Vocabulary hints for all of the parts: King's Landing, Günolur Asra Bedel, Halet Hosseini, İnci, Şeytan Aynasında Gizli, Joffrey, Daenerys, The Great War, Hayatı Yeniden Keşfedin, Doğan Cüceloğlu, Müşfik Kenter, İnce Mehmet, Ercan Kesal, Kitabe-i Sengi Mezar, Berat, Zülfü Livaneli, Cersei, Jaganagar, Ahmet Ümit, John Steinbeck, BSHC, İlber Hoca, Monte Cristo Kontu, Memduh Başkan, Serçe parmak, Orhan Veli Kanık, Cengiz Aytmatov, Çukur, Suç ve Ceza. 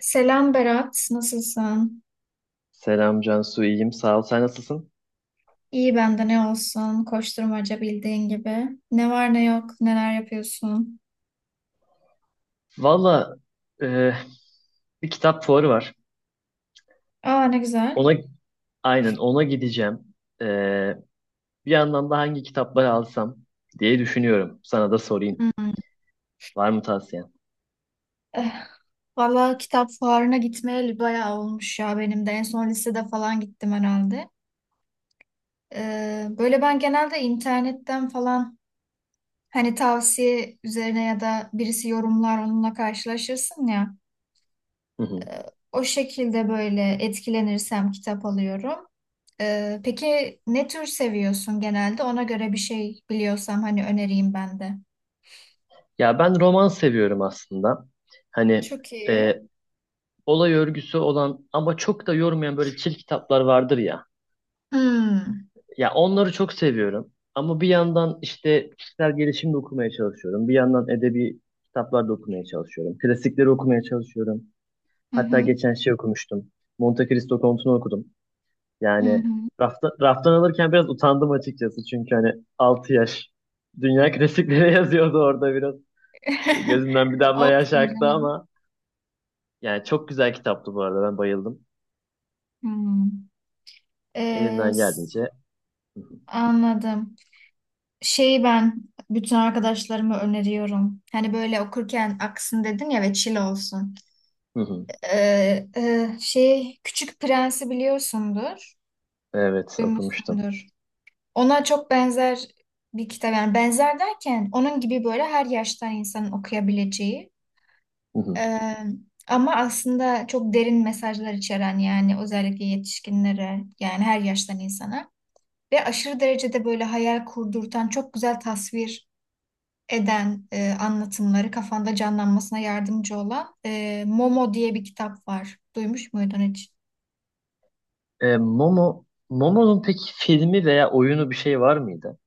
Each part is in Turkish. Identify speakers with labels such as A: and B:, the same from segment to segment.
A: Selam Berat, nasılsın?
B: Selam Cansu, iyiyim. Sağ ol. Sen nasılsın?
A: İyi ben de ne olsun, koşturmaca bildiğin gibi. Ne var ne yok, neler yapıyorsun?
B: Valla e, bir kitap fuarı var.
A: Aa ne güzel.
B: Ona aynen ona gideceğim. E, bir yandan da hangi kitapları alsam diye düşünüyorum. Sana da sorayım.
A: Hmm.
B: Var mı tavsiyen?
A: Eh, valla kitap fuarına gitmeyeli bayağı olmuş ya benim de. En son lisede falan gittim herhalde. Böyle ben genelde internetten falan hani tavsiye üzerine ya da birisi yorumlar onunla karşılaşırsın ya.
B: Hı hı.
A: O şekilde böyle etkilenirsem kitap alıyorum. Peki ne tür seviyorsun genelde? Ona göre bir şey biliyorsam hani önereyim ben de.
B: Ya ben roman seviyorum aslında. Hani
A: Çok iyi.
B: e, olay örgüsü olan ama çok da yormayan böyle çil kitaplar vardır ya.
A: Hmm.
B: Ya onları çok seviyorum. Ama bir yandan işte kişisel gelişim de okumaya çalışıyorum. Bir yandan edebi kitaplar da okumaya çalışıyorum. Klasikleri okumaya çalışıyorum.
A: Hı
B: Hatta
A: hı.
B: geçen şey okumuştum. Monte Cristo Kontu'nu okudum.
A: Hı
B: Yani
A: hı.
B: raftan alırken biraz utandım açıkçası. Çünkü hani 6 yaş dünya klasikleri yazıyordu orada biraz. Gözümden bir damla yaş
A: Olsun
B: aktı
A: canım.
B: ama yani çok güzel kitaptı bu arada. Ben bayıldım.
A: Hmm. Ee,
B: Elimden
A: s-
B: geldiğince.
A: anladım. Şeyi ben bütün arkadaşlarıma öneriyorum. Hani böyle okurken aksın dedin ya ve chill olsun.
B: Hı hı.
A: Şey Küçük Prens'i biliyorsundur.
B: Evet okumuştum.
A: Duymuşsundur. Ona çok benzer bir kitap yani benzer derken onun gibi böyle her yaştan insanın okuyabileceği eee, ama aslında çok derin mesajlar içeren yani özellikle yetişkinlere yani her yaştan insana ve aşırı derecede böyle hayal kurdurtan çok güzel tasvir eden anlatımları kafanda canlanmasına yardımcı olan Momo diye bir kitap var. Duymuş muydun hiç?
B: E, Momo, Momo'nun peki filmi veya oyunu bir şey var mıydı?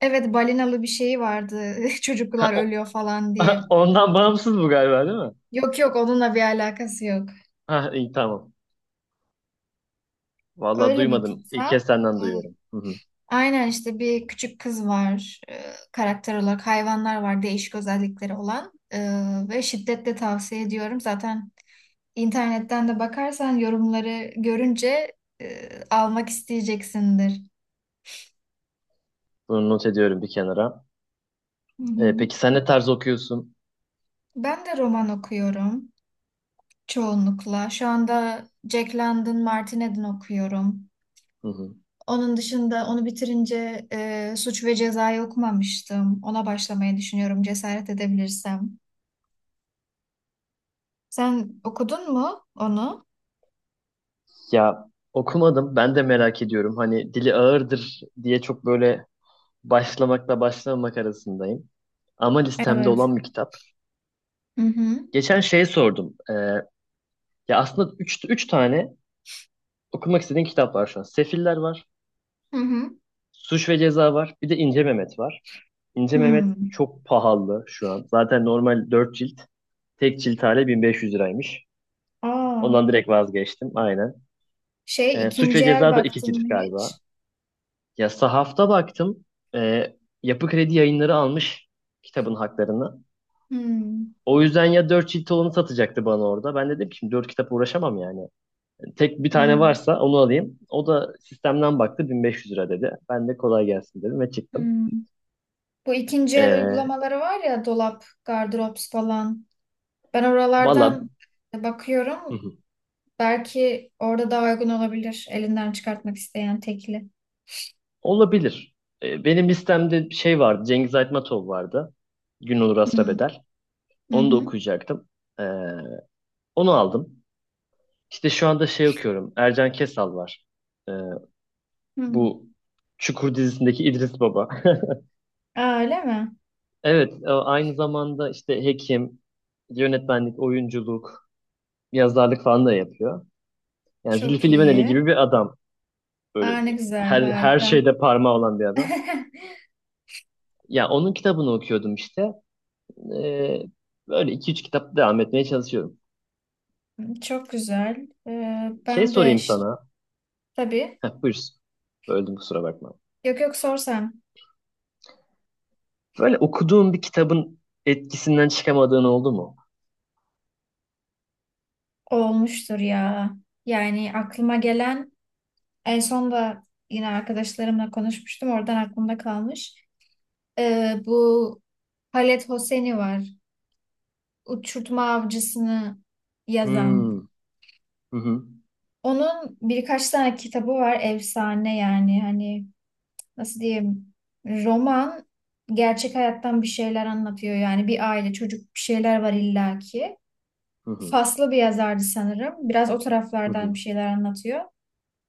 A: Evet balinalı bir şeyi vardı
B: Ha,
A: çocuklar ölüyor falan diye.
B: ondan bağımsız bu galiba değil mi?
A: Yok yok onunla bir alakası yok.
B: Ha, iyi tamam. Vallahi
A: Öyle bir
B: duymadım. İlk
A: kitap.
B: kez senden
A: Ee,
B: duyuyorum. Hı hı.
A: Aynen işte bir küçük kız var. Karakter olarak hayvanlar var değişik özellikleri olan. Ve şiddetle tavsiye ediyorum. Zaten internetten de bakarsan yorumları görünce almak isteyeceksindir.
B: Bunu not ediyorum bir kenara.
A: Hı
B: E,
A: hı.
B: peki sen ne tarz okuyorsun?
A: Ben de roman okuyorum çoğunlukla. Şu anda Jack London Martinet'in okuyorum.
B: Hı hı.
A: Onun dışında onu bitirince Suç ve Ceza'yı okumamıştım. Ona başlamayı düşünüyorum cesaret edebilirsem. Sen okudun mu onu?
B: Ya okumadım. Ben de merak ediyorum. Hani dili ağırdır diye çok böyle başlamakla başlamamak arasındayım. Ama listemde
A: Evet.
B: olan bir kitap.
A: Hı hı.
B: Geçen şey sordum. Ya aslında üç tane okumak istediğim kitap var şu an. Sefiller var.
A: Hı hı.
B: Suç ve Ceza var. Bir de İnce Mehmet var. İnce Mehmet
A: Hmm.
B: çok pahalı şu an. Zaten normal 4 cilt. Tek cilt hali 1500 liraymış.
A: Aa,
B: Ondan direkt vazgeçtim. Aynen.
A: şey
B: Suç
A: ikinci
B: ve
A: el
B: Ceza da 2
A: baktın mı
B: cilt galiba.
A: hiç?
B: Ya sahafta baktım. Ee, Yapı Kredi yayınları almış kitabın haklarını.
A: Hmm.
B: O yüzden ya 4 cilt olanı satacaktı bana orada. Ben de dedim ki şimdi 4 kitap uğraşamam yani. Tek bir tane
A: Hmm.
B: varsa onu alayım. O da sistemden baktı 1500 lira dedi. Ben de kolay gelsin dedim ve çıktım.
A: Hmm. Bu ikinci el
B: Ee,
A: uygulamaları var ya dolap, gardırop falan. Ben
B: valla
A: oralardan bakıyorum. Belki orada daha uygun olabilir elinden çıkartmak isteyen tekli.
B: Olabilir. Benim listemde bir şey vardı. Cengiz Aytmatov vardı. Günolur Asra
A: Hmm.
B: Bedel.
A: Hı
B: Onu da
A: hı.
B: okuyacaktım. E, onu aldım. İşte şu anda şey okuyorum. Ercan Kesal var. E,
A: Hmm.
B: bu Çukur dizisindeki İdris Baba.
A: Aa, öyle mi?
B: Evet, aynı zamanda işte hekim, yönetmenlik, oyunculuk, yazarlık falan da yapıyor. Yani
A: Çok
B: Zülfü Livaneli gibi
A: iyi.
B: bir adam.
A: Aa,
B: Böyle
A: ne
B: bir,
A: güzel,
B: her, her
A: harika.
B: şeyde parmağı olan bir adam. Ya onun kitabını okuyordum işte. Ee, böyle 2-3 kitap devam etmeye çalışıyorum.
A: Çok güzel. Ee,
B: Şey
A: ben de
B: sorayım
A: ş-
B: sana.
A: tabii
B: Heh, buyur. Öldüm kusura bakma.
A: yok yok sorsam
B: Böyle okuduğun bir kitabın etkisinden çıkamadığın oldu mu?
A: olmuştur ya. Yani aklıma gelen en son da yine arkadaşlarımla konuşmuştum. Oradan aklımda kalmış. Bu Halet Hosseini var. Uçurtma Avcısını yazan.
B: Hmm. Hı hı.
A: Onun birkaç tane kitabı var. Efsane yani hani nasıl diyeyim roman gerçek hayattan bir şeyler anlatıyor. Yani bir aile çocuk bir şeyler var illaki.
B: Hı hı.
A: Faslı bir yazardı sanırım. Biraz o
B: Hı
A: taraflardan bir
B: hı.
A: şeyler anlatıyor.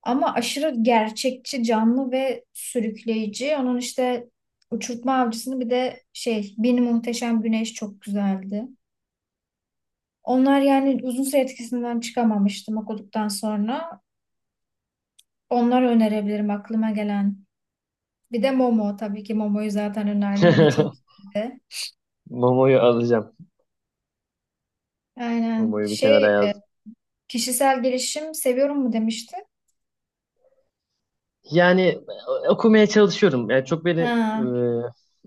A: Ama aşırı gerçekçi, canlı ve sürükleyici. Onun işte Uçurtma Avcısı'nı bir de şey, Bir Muhteşem Güneş çok güzeldi. Onlar yani uzun süre etkisinden çıkamamıştım okuduktan sonra. Onları önerebilirim aklıma gelen. Bir de Momo tabii ki Momo'yu zaten önerdim. O da çok iyiydi.
B: Momo'yu alacağım.
A: Aynen.
B: Momo'yu bir kenara yazdım.
A: Kişisel gelişim seviyorum mu demişti?
B: Yani okumaya çalışıyorum. Yani çok beni
A: Ha,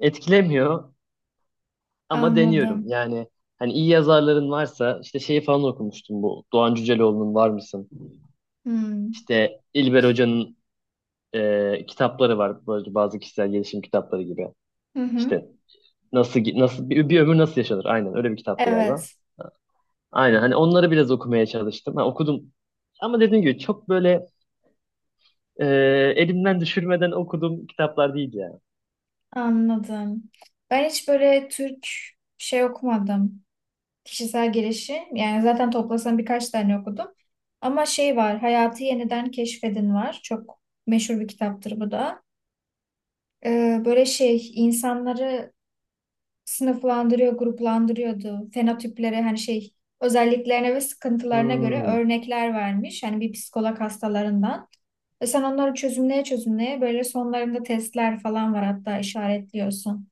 B: etkilemiyor ama deniyorum.
A: anladım.
B: Yani hani iyi yazarların varsa işte şeyi falan okumuştum bu. Doğan Cüceloğlu'nun Var mısın?
A: Hmm.
B: İşte İlber Hoca'nın kitapları var böyle bazı kişisel gelişim kitapları gibi.
A: Hı hı.
B: İşte nasıl bir ömür nasıl yaşanır? Aynen öyle bir kitaptı galiba.
A: Evet,
B: Aynen hani onları biraz okumaya çalıştım. Ha, okudum ama dediğim gibi çok böyle e, elimden düşürmeden okuduğum kitaplar değil yani.
A: anladım. Ben hiç böyle Türk şey okumadım. Kişisel gelişim. Yani zaten toplasam birkaç tane okudum. Ama şey var, Hayatı Yeniden Keşfedin var. Çok meşhur bir kitaptır bu da. Böyle şey, insanları sınıflandırıyor, gruplandırıyordu. Fenotipleri hani şey, özelliklerine ve sıkıntılarına göre
B: Hmm.
A: örnekler vermiş. Hani bir psikolog hastalarından. Ve sen onları çözümleye çözümleye böyle sonlarında testler falan var hatta işaretliyorsun.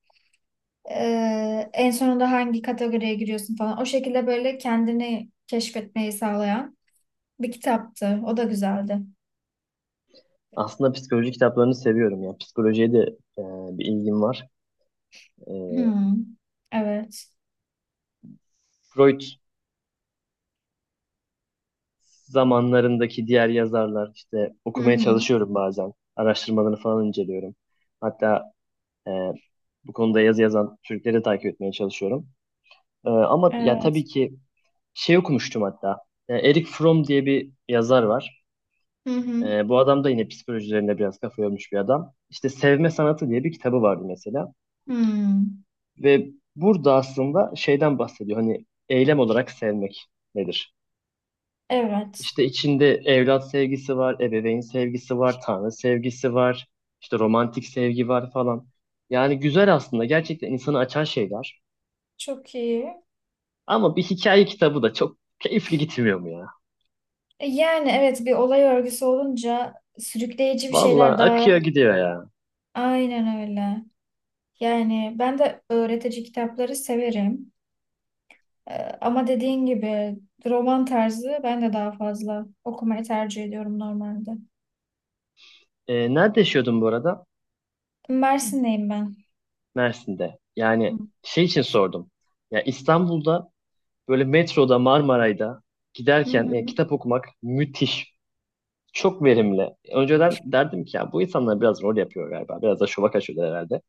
A: En sonunda hangi kategoriye giriyorsun falan. O şekilde böyle kendini keşfetmeyi sağlayan bir kitaptı. O da güzeldi.
B: Aslında psikoloji kitaplarını seviyorum ya. Psikolojiye de e, bir ilgim var. E,
A: Hmm. Evet.
B: Freud zamanlarındaki diğer yazarlar işte
A: Hı
B: okumaya
A: hı.
B: çalışıyorum bazen. Araştırmalarını falan inceliyorum. Hatta Ee, bu konuda yazı yazan Türkleri takip etmeye çalışıyorum. Ama ya
A: Evet.
B: tabii ki şey okumuştum hatta. Eric Fromm diye bir yazar var.
A: Hı hı.
B: Bu adam da yine psikoloji üzerine biraz kafa yormuş bir adam. İşte Sevme Sanatı diye bir kitabı vardı mesela.
A: Hmm.
B: Ve burada aslında şeyden bahsediyor. Hani eylem olarak sevmek nedir?
A: Evet.
B: İşte içinde evlat sevgisi var, ebeveyn sevgisi var, tanrı sevgisi var, işte romantik sevgi var falan. Yani güzel aslında. Gerçekten insanı açan şeyler.
A: Çok iyi.
B: Ama bir hikaye kitabı da çok keyifli gitmiyor mu ya?
A: Yani evet bir olay örgüsü olunca sürükleyici bir şeyler
B: Valla akıyor
A: daha.
B: gidiyor ya.
A: Aynen öyle. Yani ben de öğretici kitapları severim. Ee, ama dediğin gibi roman tarzı ben de daha fazla okumayı tercih ediyorum normalde.
B: Nerede yaşıyordun bu arada?
A: Mersin'deyim ben.
B: Mersin'de.
A: Hı
B: Yani şey için sordum. Ya İstanbul'da böyle metroda Marmaray'da giderken
A: hı.
B: kitap okumak müthiş. Çok verimli. Önceden derdim ki ya bu insanlar biraz rol yapıyor galiba. Biraz da şova kaçıyorlar herhalde.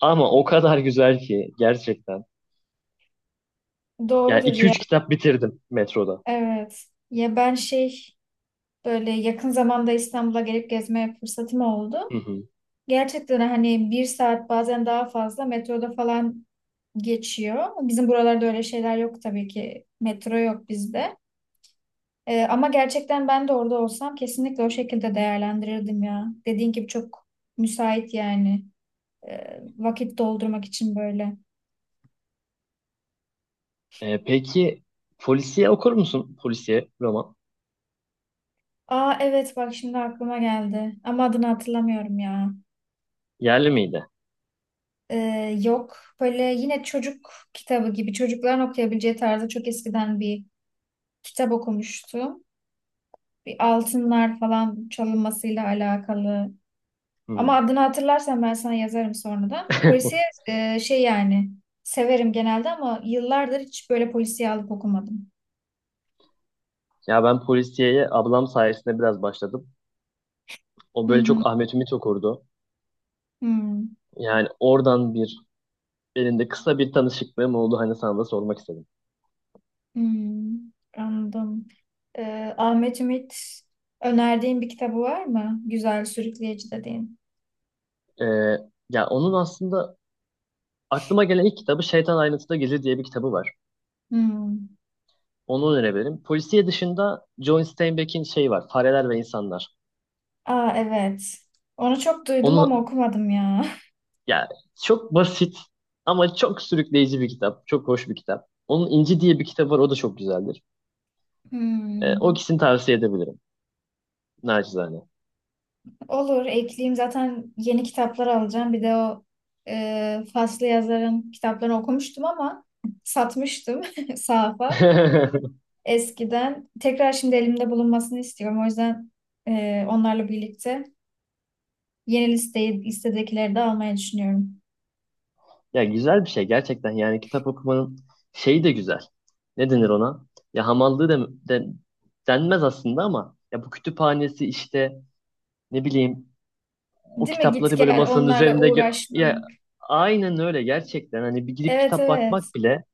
B: Ama o kadar güzel ki gerçekten. Yani
A: Doğrudur
B: iki
A: ya.
B: üç kitap bitirdim metroda.
A: Evet. Ya ben şey böyle yakın zamanda İstanbul'a gelip gezme fırsatım oldu.
B: Hı hı.
A: Gerçekten hani bir saat bazen daha fazla metroda falan geçiyor. Bizim buralarda öyle şeyler yok tabii ki. Metro yok bizde. Ama gerçekten ben de orada olsam kesinlikle o şekilde değerlendirirdim ya. Dediğin gibi çok müsait yani. Vakit doldurmak için böyle.
B: Peki polisiye okur musun? Polisiye roman.
A: Aa evet bak şimdi aklıma geldi. Ama adını hatırlamıyorum ya.
B: Yerli miydi?
A: Yok. Böyle yine çocuk kitabı gibi çocukların okuyabileceği tarzda çok eskiden bir kitap okumuştum. Bir altınlar falan çalınmasıyla alakalı. Ama
B: Hı.
A: adını hatırlarsam ben sana yazarım sonradan. Polisiye şey yani severim genelde ama yıllardır hiç böyle polisiye alıp okumadım.
B: Ya ben polisiyeye ablam sayesinde biraz başladım. O
A: Hı
B: böyle
A: hı.
B: çok Ahmet Ümit okurdu.
A: Hı.
B: Yani oradan bir elinde kısa bir tanışıklığım oldu. Hani sana da sormak istedim.
A: Hmm, anladım. Ahmet Ümit önerdiğin bir kitabı var mı? Güzel, sürükleyici dediğin.
B: Ee, ya onun aslında aklıma gelen ilk kitabı Şeytan Aynasında Gizli diye bir kitabı var.
A: Hmm.
B: Onu önerebilirim. Polisiye dışında John Steinbeck'in şey var. Fareler ve İnsanlar.
A: Aa evet. Onu çok duydum ama
B: Onu
A: okumadım ya.
B: ya çok basit ama çok sürükleyici bir kitap. Çok hoş bir kitap. Onun İnci diye bir kitabı var. O da çok güzeldir. O
A: Hmm.
B: ikisini tavsiye edebilirim. Nacizane.
A: Olur, ekleyeyim. Zaten yeni kitaplar alacağım. Bir de o Faslı yazarın kitaplarını okumuştum ama satmıştım sahafa eskiden. Tekrar şimdi elimde bulunmasını istiyorum. O yüzden onlarla birlikte yeni listeyi listedekileri de almayı düşünüyorum.
B: Ya güzel bir şey gerçekten yani kitap okumanın şeyi de güzel. Ne denir ona? Ya hamallığı da denmez aslında ama ya bu kütüphanesi işte ne bileyim o
A: Değil mi? Git
B: kitapları böyle
A: gel
B: masanın
A: onlarla
B: üzerinde
A: uğraşma.
B: ya aynen öyle gerçekten hani bir gidip
A: Evet
B: kitap
A: evet.
B: bakmak bile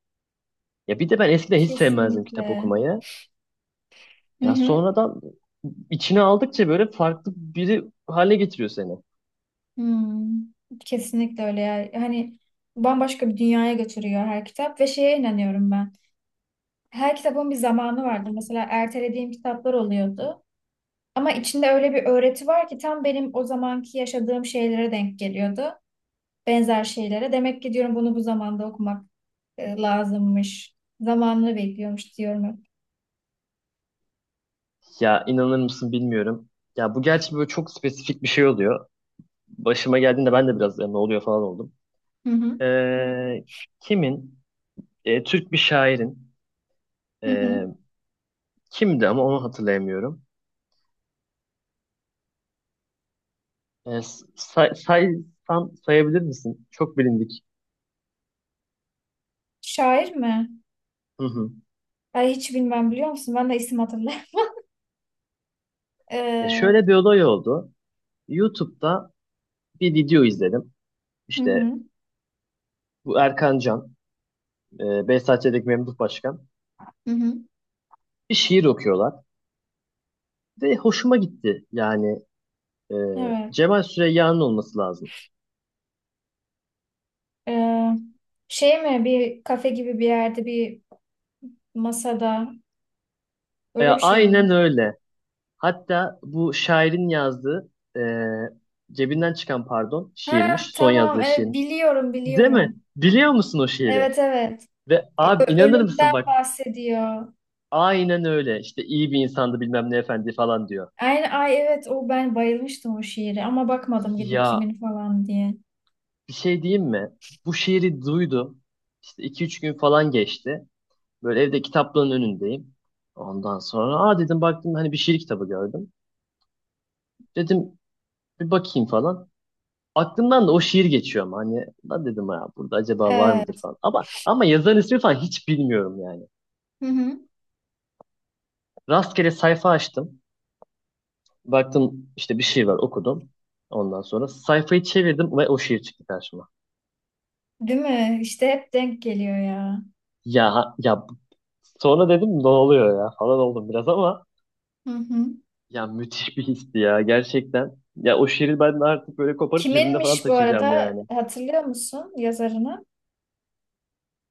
B: ya bir de ben eskiden hiç sevmezdim kitap
A: Kesinlikle.
B: okumayı.
A: Hı
B: Ya
A: hı.
B: sonradan içine aldıkça böyle farklı biri hale getiriyor seni.
A: Hmm. Kesinlikle öyle ya. Hani bambaşka bir dünyaya götürüyor her kitap ve şeye inanıyorum ben. Her kitabın bir zamanı vardı. Mesela ertelediğim kitaplar oluyordu. Ama içinde öyle bir öğreti var ki tam benim o zamanki yaşadığım şeylere denk geliyordu. Benzer şeylere. Demek ki diyorum bunu bu zamanda okumak lazımmış. Zamanını bekliyormuş diyorum hep.
B: Ya inanır mısın bilmiyorum. Ya bu gerçi böyle çok spesifik bir şey oluyor. Başıma geldiğinde ben de biraz "Ya ne oluyor falan oldum.
A: Hı hı.
B: Ee, kimin? Türk bir şairin.
A: Hı hı.
B: Ee, kimdi ama onu hatırlayamıyorum. Ee, saysan sayabilir misin? Çok bilindik.
A: Şair mi?
B: Hı hı.
A: Ay hiç bilmem biliyor musun? Ben de isim hatırlayayım.
B: E,
A: Ee,
B: şöyle bir olay oldu. YouTube'da bir video izledim.
A: hı
B: İşte
A: hı,
B: bu Erkan Can, BSHC'deki Memduh Başkan.
A: hı hı.
B: Bir şiir okuyorlar. Ve hoşuma gitti. Yani e,
A: Evet.
B: Cemal Süreyya'nın olması lazım.
A: Ee, şey mi? Bir kafe gibi bir yerde bir masada. Öyle
B: Ya,
A: bir şey mi?
B: aynen öyle. Hatta bu şairin yazdığı cebinden çıkan pardon
A: Ha
B: şiirmiş. Son
A: tamam.
B: yazdığı
A: Evet,
B: şiirmiş.
A: biliyorum
B: Değil mi?
A: biliyorum.
B: Biliyor musun o şiiri?
A: Evet evet.
B: Ve abi inanır mısın
A: Ölümden
B: bak
A: bahsediyor.
B: aynen öyle işte iyi bir insandı bilmem ne efendi falan diyor.
A: Aynen, ay evet o ben bayılmıştım o şiire ama bakmadım gidip
B: Ya
A: kimin falan diye.
B: bir şey diyeyim mi? Bu şiiri duydum. İşte iki üç gün falan geçti. Böyle evde kitaplığın önündeyim. Ondan sonra aa dedim baktım hani bir şiir kitabı gördüm. Dedim bir bakayım falan. Aklımdan da o şiir geçiyor ama hani lan dedim ya burada acaba var mıdır
A: Evet.
B: falan. Ama yazarın ismi falan hiç bilmiyorum yani.
A: Hı hı.
B: Rastgele sayfa açtım. Baktım işte bir şey var okudum. Ondan sonra sayfayı çevirdim ve o şiir çıktı karşıma.
A: Değil mi? İşte hep denk geliyor ya.
B: Ya sonra dedim ne oluyor ya falan oldum biraz ama
A: Hı hı.
B: ya müthiş bir histi ya gerçekten. Ya o şiiri ben artık böyle koparıp cebimde falan
A: Kiminmiş bu
B: taşıyacağım
A: arada
B: yani.
A: hatırlıyor musun yazarını?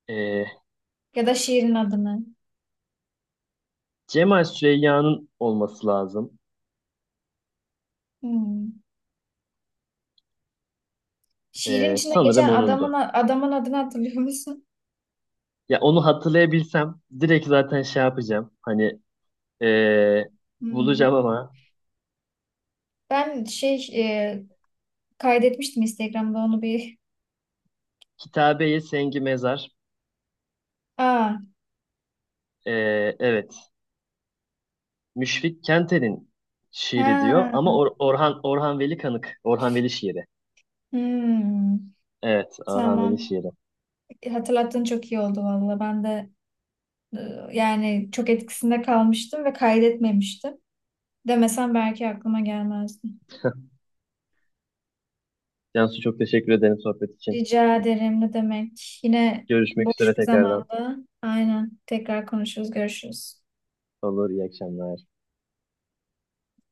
B: Ee,
A: Ya da şiirin adını.
B: Cemal Süreyya'nın olması lazım.
A: Hmm. Şiirin
B: Ee,
A: içinde
B: sanırım
A: geçen adamın
B: onundu.
A: adamın adını hatırlıyor musun?
B: Ya onu hatırlayabilsem direkt zaten şey yapacağım. Hani eee,
A: Hmm.
B: bulacağım ama
A: Ben şey e, kaydetmiştim Instagram'da onu bir.
B: Kitabe-i Sengi Mezar
A: Aa,
B: evet Müşfik Kenter'in şiiri diyor ama
A: ha.
B: Orhan Veli Kanık Orhan Veli şiiri.
A: Hmm.
B: Evet Orhan Veli
A: Tamam.
B: şiiri.
A: Hatırlattığın çok iyi oldu valla. Ben de e, yani çok etkisinde kalmıştım ve kaydetmemiştim. Demesen belki aklıma gelmezdi.
B: Cansu çok teşekkür ederim sohbet için.
A: Rica ederim ne demek. Yine
B: Görüşmek
A: boş
B: üzere
A: bir
B: tekrardan.
A: zamanda. Aynen. Tekrar konuşuruz, görüşürüz.
B: Olur iyi akşamlar.